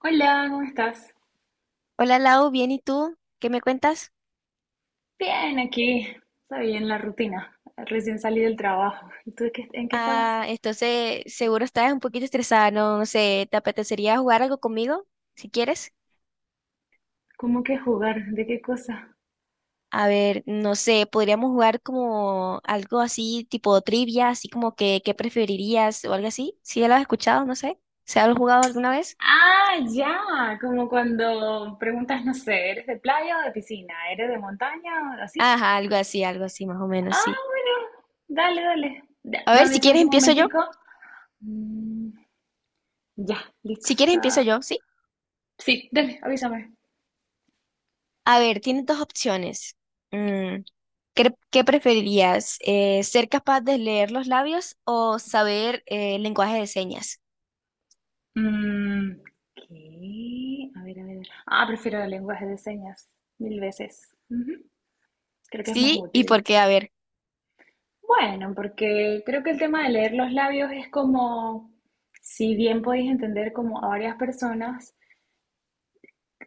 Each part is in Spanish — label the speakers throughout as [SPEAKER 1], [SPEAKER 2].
[SPEAKER 1] Hola, ¿cómo estás?
[SPEAKER 2] Hola Lau, bien, ¿y tú? ¿Qué me cuentas?
[SPEAKER 1] Bien, aquí. Está bien la rutina. Recién salí del trabajo. ¿Y tú en qué estabas?
[SPEAKER 2] Ah, entonces seguro estás un poquito estresada, no, no sé, ¿te apetecería jugar algo conmigo? Si quieres.
[SPEAKER 1] ¿Cómo que jugar? ¿De qué cosa?
[SPEAKER 2] A ver, no sé, podríamos jugar como algo así, tipo trivia, así como que qué preferirías o algo así. Si ya lo has escuchado, no sé. ¿Se ha jugado alguna vez?
[SPEAKER 1] Ah, ya. Como cuando preguntas, no sé, ¿eres de playa o de piscina? ¿Eres de montaña o así?
[SPEAKER 2] Ajá, algo así, más o menos,
[SPEAKER 1] Ah,
[SPEAKER 2] sí.
[SPEAKER 1] bueno. Dale, dale.
[SPEAKER 2] A ver,
[SPEAKER 1] Dame
[SPEAKER 2] si quieres
[SPEAKER 1] chance un
[SPEAKER 2] empiezo yo.
[SPEAKER 1] momentico. Mm, ya, listo.
[SPEAKER 2] Si quieres empiezo
[SPEAKER 1] Está.
[SPEAKER 2] yo, ¿sí?
[SPEAKER 1] Sí, dale, avísame.
[SPEAKER 2] A ver, tienes dos opciones. Mm, ¿qué preferirías? ¿Ser capaz de leer los labios o saber lenguaje de señas?
[SPEAKER 1] Mm, ¿Qué? A ver, a ver. A ver. Ah, prefiero el lenguaje de señas 1000 veces. Ujú. Creo que es más
[SPEAKER 2] Sí, ¿y por
[SPEAKER 1] útil.
[SPEAKER 2] qué? A ver,
[SPEAKER 1] Bueno, porque creo que el tema de leer los labios es como, si bien podéis entender como a varias personas,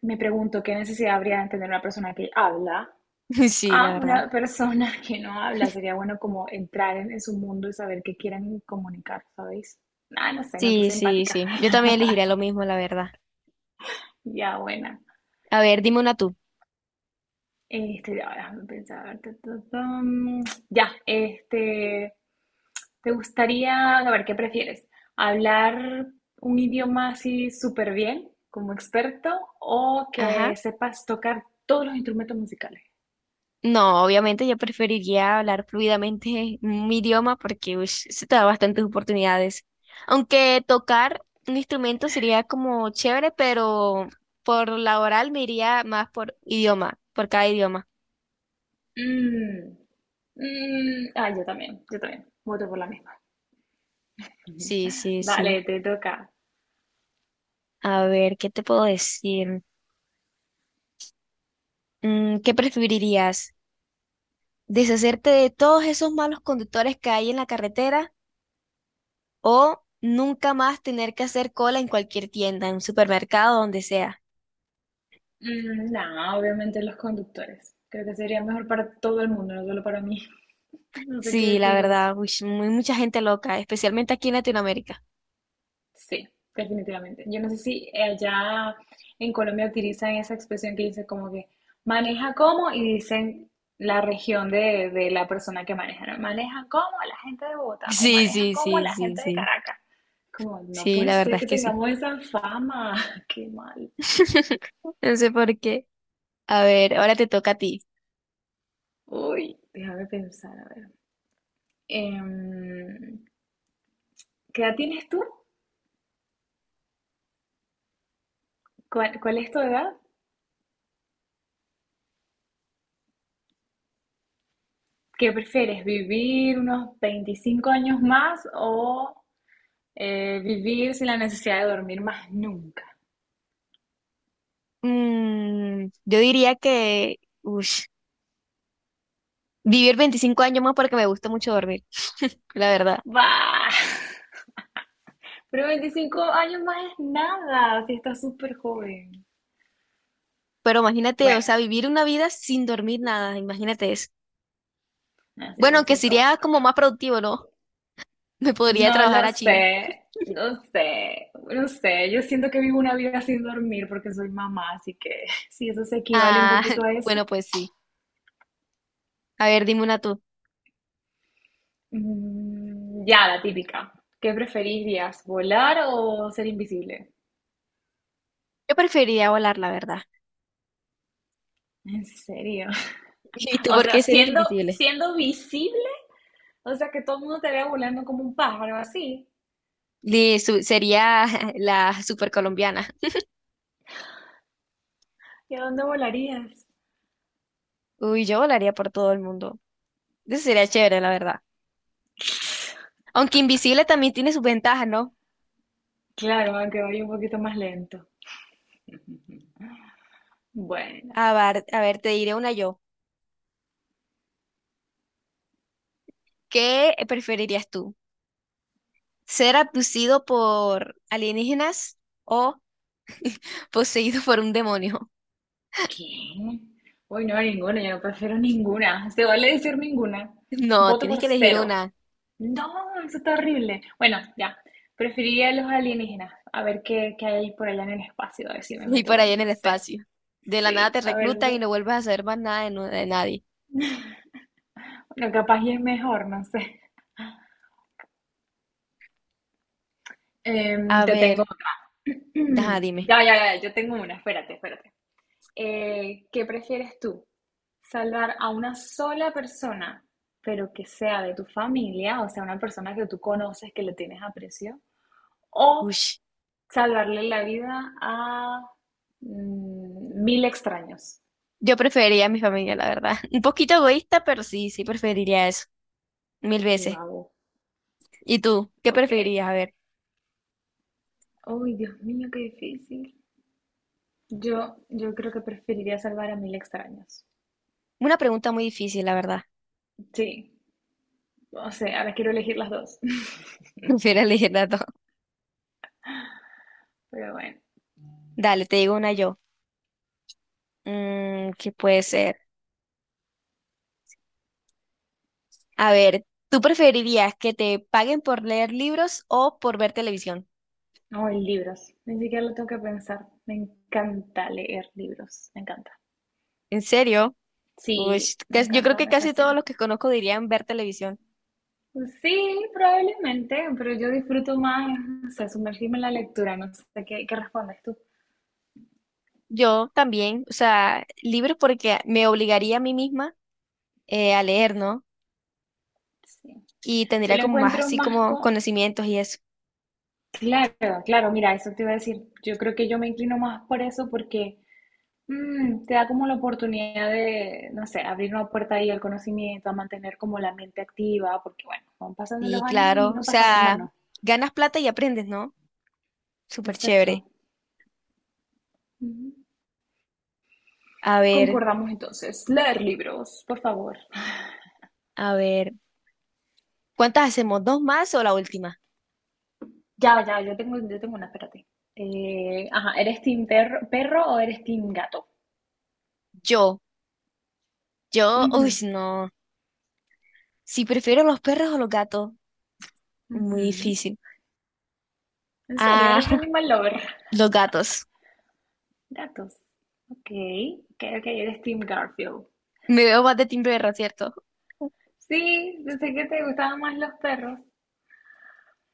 [SPEAKER 1] me pregunto qué necesidad habría de entender una persona que habla
[SPEAKER 2] sí, la
[SPEAKER 1] a
[SPEAKER 2] verdad.
[SPEAKER 1] una persona que no habla. Sería bueno como entrar en su mundo y saber qué quieren comunicar, ¿sabéis? Ah, no sé, me
[SPEAKER 2] Sí,
[SPEAKER 1] puse
[SPEAKER 2] sí,
[SPEAKER 1] empática.
[SPEAKER 2] sí. Yo también elegiría lo mismo, la verdad.
[SPEAKER 1] Ya, buena.
[SPEAKER 2] A ver, dime una tú.
[SPEAKER 1] Este, ya, déjame pensar. Ta, ta, tam. Ya, este, ¿te gustaría, a ver, qué prefieres? ¿Hablar un idioma así súper bien, como experto, o
[SPEAKER 2] Ajá.
[SPEAKER 1] que sepas tocar todos los instrumentos musicales?
[SPEAKER 2] No, obviamente yo preferiría hablar fluidamente mi idioma porque ush, se te da bastantes oportunidades. Aunque tocar un instrumento sería como chévere, pero por la oral me iría más por idioma, por cada idioma.
[SPEAKER 1] Mm, yo también, yo también. Voto por la misma.
[SPEAKER 2] Sí, sí, sí.
[SPEAKER 1] Vale, te toca.
[SPEAKER 2] A ver, ¿qué te puedo decir? ¿Qué preferirías? ¿Deshacerte de todos esos malos conductores que hay en la carretera o nunca más tener que hacer cola en cualquier tienda, en un supermercado, donde sea?
[SPEAKER 1] No, obviamente los conductores. Creo que sería mejor para todo el mundo, no solo para mí. No sé qué
[SPEAKER 2] Sí, la
[SPEAKER 1] decís vos.
[SPEAKER 2] verdad, uy, sí, muy, mucha gente loca, especialmente aquí en Latinoamérica.
[SPEAKER 1] Sí, definitivamente. Yo no sé si allá en Colombia utilizan esa expresión que dice como que maneja como y dicen la región de la persona que maneja, ¿no? Maneja como la gente de Bogotá o
[SPEAKER 2] Sí,
[SPEAKER 1] maneja
[SPEAKER 2] sí,
[SPEAKER 1] como
[SPEAKER 2] sí,
[SPEAKER 1] la
[SPEAKER 2] sí,
[SPEAKER 1] gente de
[SPEAKER 2] sí.
[SPEAKER 1] Caracas. Como, no
[SPEAKER 2] Sí,
[SPEAKER 1] puede
[SPEAKER 2] la
[SPEAKER 1] ser
[SPEAKER 2] verdad es
[SPEAKER 1] que
[SPEAKER 2] que sí.
[SPEAKER 1] tengamos esa fama. Qué mal.
[SPEAKER 2] No sé por qué. A ver, ahora te toca a ti.
[SPEAKER 1] Uy, déjame pensar, a ver. Em, ¿Qué edad tienes tú? ¿Cuál es tu edad? ¿Qué prefieres? ¿Vivir unos 25 años más o vivir sin la necesidad de dormir más nunca?
[SPEAKER 2] Yo diría que, uy, vivir 25 años más porque me gusta mucho dormir, la verdad.
[SPEAKER 1] ¡Bah! Pero 25 años más es nada, si estás súper joven.
[SPEAKER 2] Pero imagínate, o sea,
[SPEAKER 1] Bueno,
[SPEAKER 2] vivir una vida sin dormir nada, imagínate eso.
[SPEAKER 1] así debe
[SPEAKER 2] Bueno, que
[SPEAKER 1] ser
[SPEAKER 2] sería
[SPEAKER 1] caótico.
[SPEAKER 2] como más productivo, ¿no? Me podría
[SPEAKER 1] No
[SPEAKER 2] trabajar
[SPEAKER 1] lo
[SPEAKER 2] a China.
[SPEAKER 1] sé, no sé, no sé. Yo siento que vivo una vida sin dormir porque soy mamá, así que si eso se equivale un
[SPEAKER 2] Ah,
[SPEAKER 1] poquito a eso.
[SPEAKER 2] bueno, pues sí. A ver, dime una tú.
[SPEAKER 1] Ya, la típica. ¿Qué preferirías, volar o ser invisible?
[SPEAKER 2] Yo preferiría volar, la verdad.
[SPEAKER 1] En serio.
[SPEAKER 2] ¿Y tú
[SPEAKER 1] O
[SPEAKER 2] por
[SPEAKER 1] sea,
[SPEAKER 2] qué serías
[SPEAKER 1] siendo,
[SPEAKER 2] invisible?
[SPEAKER 1] siendo visible. O sea, que todo el mundo te vea volando como un pájaro, así.
[SPEAKER 2] Sería la super colombiana.
[SPEAKER 1] ¿Y a dónde volarías?
[SPEAKER 2] Uy, yo volaría por todo el mundo. Eso sería chévere, la verdad. Aunque invisible también tiene sus ventajas, ¿no?
[SPEAKER 1] Claro, aunque vaya un poquito más lento. Bueno,
[SPEAKER 2] A ver, te diré una yo. ¿Qué preferirías tú? ¿Ser abducido por alienígenas o poseído por un demonio?
[SPEAKER 1] ¿quién? Uy, no, ninguna, yo no prefiero ninguna. Se vale decir ninguna.
[SPEAKER 2] No,
[SPEAKER 1] Voto
[SPEAKER 2] tienes
[SPEAKER 1] por
[SPEAKER 2] que elegir
[SPEAKER 1] cero.
[SPEAKER 2] una.
[SPEAKER 1] No, eso está horrible. Bueno, ya. Preferiría los alienígenas. A ver qué hay por allá en el espacio. A ver si me
[SPEAKER 2] Y por
[SPEAKER 1] meto,
[SPEAKER 2] ahí en
[SPEAKER 1] no
[SPEAKER 2] el
[SPEAKER 1] sé.
[SPEAKER 2] espacio. De la nada
[SPEAKER 1] Sí,
[SPEAKER 2] te
[SPEAKER 1] a ver.
[SPEAKER 2] reclutan y
[SPEAKER 1] Bueno,
[SPEAKER 2] no vuelves a saber más nada de, nu- de nadie.
[SPEAKER 1] capaz y es mejor, no sé.
[SPEAKER 2] A
[SPEAKER 1] Te tengo
[SPEAKER 2] ver,
[SPEAKER 1] otra.
[SPEAKER 2] deja, dime.
[SPEAKER 1] Ya, ya, ya, yo tengo una, espérate, espérate. ¿Qué prefieres tú? ¿Salvar a una sola persona, pero que sea de tu familia, o sea, una persona que tú conoces, que le tienes aprecio?
[SPEAKER 2] Uy.
[SPEAKER 1] ¿O salvarle la vida a mil extraños?
[SPEAKER 2] Yo preferiría a mi familia, la verdad. Un poquito egoísta, pero sí, sí preferiría eso. Mil veces.
[SPEAKER 1] Wow.
[SPEAKER 2] ¿Y tú? ¿Qué
[SPEAKER 1] Ok.
[SPEAKER 2] preferirías? A ver,
[SPEAKER 1] Uy, Dios mío, qué difícil. Yo creo que preferiría salvar a 1000 extraños.
[SPEAKER 2] una pregunta muy difícil, la verdad.
[SPEAKER 1] Sí, o sea, ahora quiero elegir las dos.
[SPEAKER 2] Prefiero elegir las dos.
[SPEAKER 1] Pero bueno,
[SPEAKER 2] Dale, te digo una yo. ¿Qué puede ser? A ver, ¿tú preferirías que te paguen por leer libros o por ver televisión?
[SPEAKER 1] no hoy libros, ni siquiera lo tengo que pensar. Me encanta leer libros, me encanta.
[SPEAKER 2] ¿En serio? Uy,
[SPEAKER 1] Sí, me
[SPEAKER 2] yo creo
[SPEAKER 1] encanta,
[SPEAKER 2] que
[SPEAKER 1] me
[SPEAKER 2] casi todos
[SPEAKER 1] fascina.
[SPEAKER 2] los que conozco dirían ver televisión.
[SPEAKER 1] Pues sí, probablemente, pero yo disfruto más, o sea, sumergirme en la lectura, no sé qué respondes tú.
[SPEAKER 2] Yo también, o sea, libros porque me obligaría a mí misma a leer, ¿no?
[SPEAKER 1] Sí.
[SPEAKER 2] Y
[SPEAKER 1] Yo
[SPEAKER 2] tendría
[SPEAKER 1] lo
[SPEAKER 2] como más
[SPEAKER 1] encuentro
[SPEAKER 2] así
[SPEAKER 1] más
[SPEAKER 2] como
[SPEAKER 1] con.
[SPEAKER 2] conocimientos y eso.
[SPEAKER 1] Claro, claro, mira, eso te iba a decir. Yo creo que yo me inclino más por eso porque te da como la oportunidad de, no sé, abrir una puerta ahí al conocimiento, a mantener como la mente activa, porque bueno, van pasando los
[SPEAKER 2] Y
[SPEAKER 1] años y
[SPEAKER 2] claro, o
[SPEAKER 1] no pasan en
[SPEAKER 2] sea,
[SPEAKER 1] vano.
[SPEAKER 2] ganas plata y aprendes, ¿no? Súper
[SPEAKER 1] Exacto.
[SPEAKER 2] chévere.
[SPEAKER 1] Ujú.
[SPEAKER 2] A ver,
[SPEAKER 1] Concordamos entonces. Leer libros, por favor.
[SPEAKER 2] a ver, ¿cuántas hacemos? ¿Dos más o la última?
[SPEAKER 1] Ya, ya, yo tengo una, espérate. Ajá, ¿eres team perro, perro o eres team gato?
[SPEAKER 2] Yo,
[SPEAKER 1] Ujú,
[SPEAKER 2] uy, no. Si prefiero los perros o los gatos, muy
[SPEAKER 1] ujú.
[SPEAKER 2] difícil.
[SPEAKER 1] ¿En serio?
[SPEAKER 2] Ah,
[SPEAKER 1] ¿Eres animal lover?
[SPEAKER 2] los gatos.
[SPEAKER 1] Gatos. Ok, ok, ok, eres team Garfield.
[SPEAKER 2] Me veo más de Tim Berra, ¿cierto?
[SPEAKER 1] Sí, pensé que te gustaban más los perros,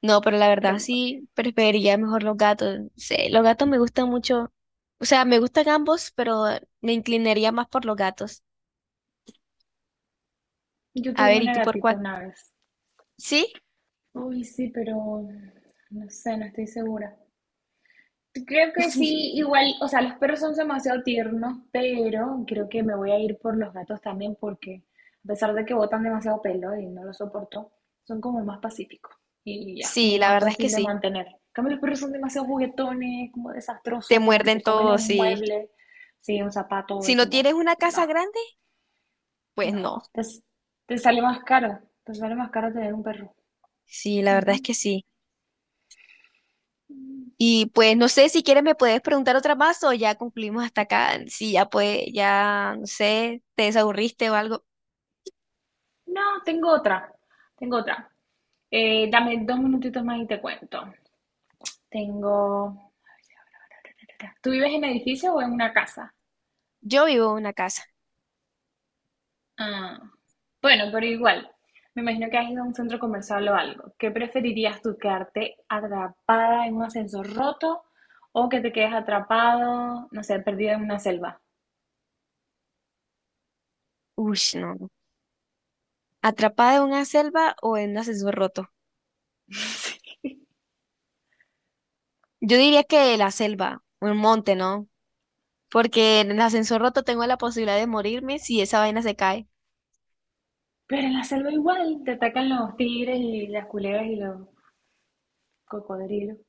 [SPEAKER 2] No, pero la verdad
[SPEAKER 1] pero
[SPEAKER 2] sí preferiría mejor los gatos. Sí, los gatos me gustan mucho. O sea, me gustan ambos, pero me inclinaría más por los gatos.
[SPEAKER 1] yo
[SPEAKER 2] A
[SPEAKER 1] tuve
[SPEAKER 2] ver, ¿y
[SPEAKER 1] una
[SPEAKER 2] tú por
[SPEAKER 1] gatita
[SPEAKER 2] cuál?
[SPEAKER 1] una vez.
[SPEAKER 2] Sí,
[SPEAKER 1] Uy, sí, pero no sé, no estoy segura. Creo que sí, igual, o sea, los perros son demasiado tiernos, pero creo que me voy a ir por los gatos también porque a pesar de que botan demasiado pelo y no lo soporto, son como más pacíficos y ya,
[SPEAKER 2] sí,
[SPEAKER 1] como
[SPEAKER 2] la
[SPEAKER 1] más
[SPEAKER 2] verdad es que
[SPEAKER 1] fácil de
[SPEAKER 2] sí.
[SPEAKER 1] mantener. En cambio, los perros son demasiado juguetones, como
[SPEAKER 2] Te
[SPEAKER 1] desastrosos, como que
[SPEAKER 2] muerden
[SPEAKER 1] se comen
[SPEAKER 2] todo,
[SPEAKER 1] un
[SPEAKER 2] sí.
[SPEAKER 1] mueble, sí, un zapato,
[SPEAKER 2] Si
[SPEAKER 1] es
[SPEAKER 2] no
[SPEAKER 1] como,
[SPEAKER 2] tienes una
[SPEAKER 1] no,
[SPEAKER 2] casa grande, pues
[SPEAKER 1] no,
[SPEAKER 2] no.
[SPEAKER 1] te sale más caro, te sale más caro tener un perro.
[SPEAKER 2] Sí, la verdad es que
[SPEAKER 1] Ujú.
[SPEAKER 2] sí. Y pues no sé si quieres me puedes preguntar otra más o ya concluimos hasta acá. Si ya pues, ya no sé, te desaburriste o algo.
[SPEAKER 1] No, tengo otra. Tengo otra. Dame 2 minutitos más y te cuento. Tengo. ¿Tú vives en edificio o en una casa?
[SPEAKER 2] Yo vivo en una casa.
[SPEAKER 1] Ah, bueno, pero igual. Me imagino que has ido a un centro comercial o algo. ¿Qué preferirías tú, quedarte atrapada en un ascensor roto o que te quedes atrapado, no sé, perdido en una selva?
[SPEAKER 2] Uy, no. No. ¿Atrapada en una selva o en un ascensor roto? Yo diría que la selva, un monte, ¿no? Porque en el ascensor roto tengo la posibilidad de morirme si esa vaina se cae.
[SPEAKER 1] Pero en la selva igual te atacan los tigres y las culebras y los cocodrilos.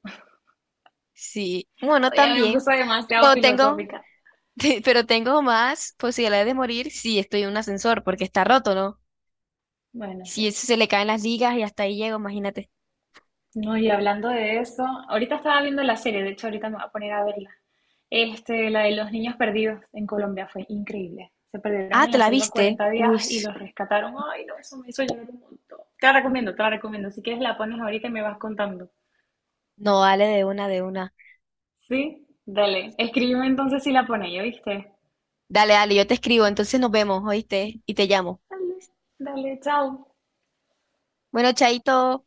[SPEAKER 2] Sí, bueno,
[SPEAKER 1] Ya me
[SPEAKER 2] también.
[SPEAKER 1] puse demasiado
[SPEAKER 2] No tengo.
[SPEAKER 1] filosófica.
[SPEAKER 2] Pero tengo más posibilidades de morir si estoy en un ascensor, porque está roto, ¿no?
[SPEAKER 1] Bueno,
[SPEAKER 2] Si
[SPEAKER 1] sí.
[SPEAKER 2] eso se le caen las ligas y hasta ahí llego, imagínate.
[SPEAKER 1] No, y hablando de eso, ahorita estaba viendo la serie, de hecho ahorita me voy a poner a verla. Este, la de los niños perdidos en Colombia fue increíble. Se perdieron
[SPEAKER 2] Ah,
[SPEAKER 1] en
[SPEAKER 2] ¿te
[SPEAKER 1] la
[SPEAKER 2] la
[SPEAKER 1] selva
[SPEAKER 2] viste?
[SPEAKER 1] 40 días
[SPEAKER 2] Uy,
[SPEAKER 1] y los rescataron. Ay, no, eso me hizo llorar un montón. Te la recomiendo, te la recomiendo. Si quieres la pones ahorita y me vas contando.
[SPEAKER 2] no, dale de una, de una.
[SPEAKER 1] ¿Sí? Dale. Escríbeme entonces si la pones, ¿ya viste?
[SPEAKER 2] Dale, dale, yo te escribo, entonces nos vemos, ¿oíste? Y te llamo.
[SPEAKER 1] Dale, dale, chao.
[SPEAKER 2] Bueno, chaito.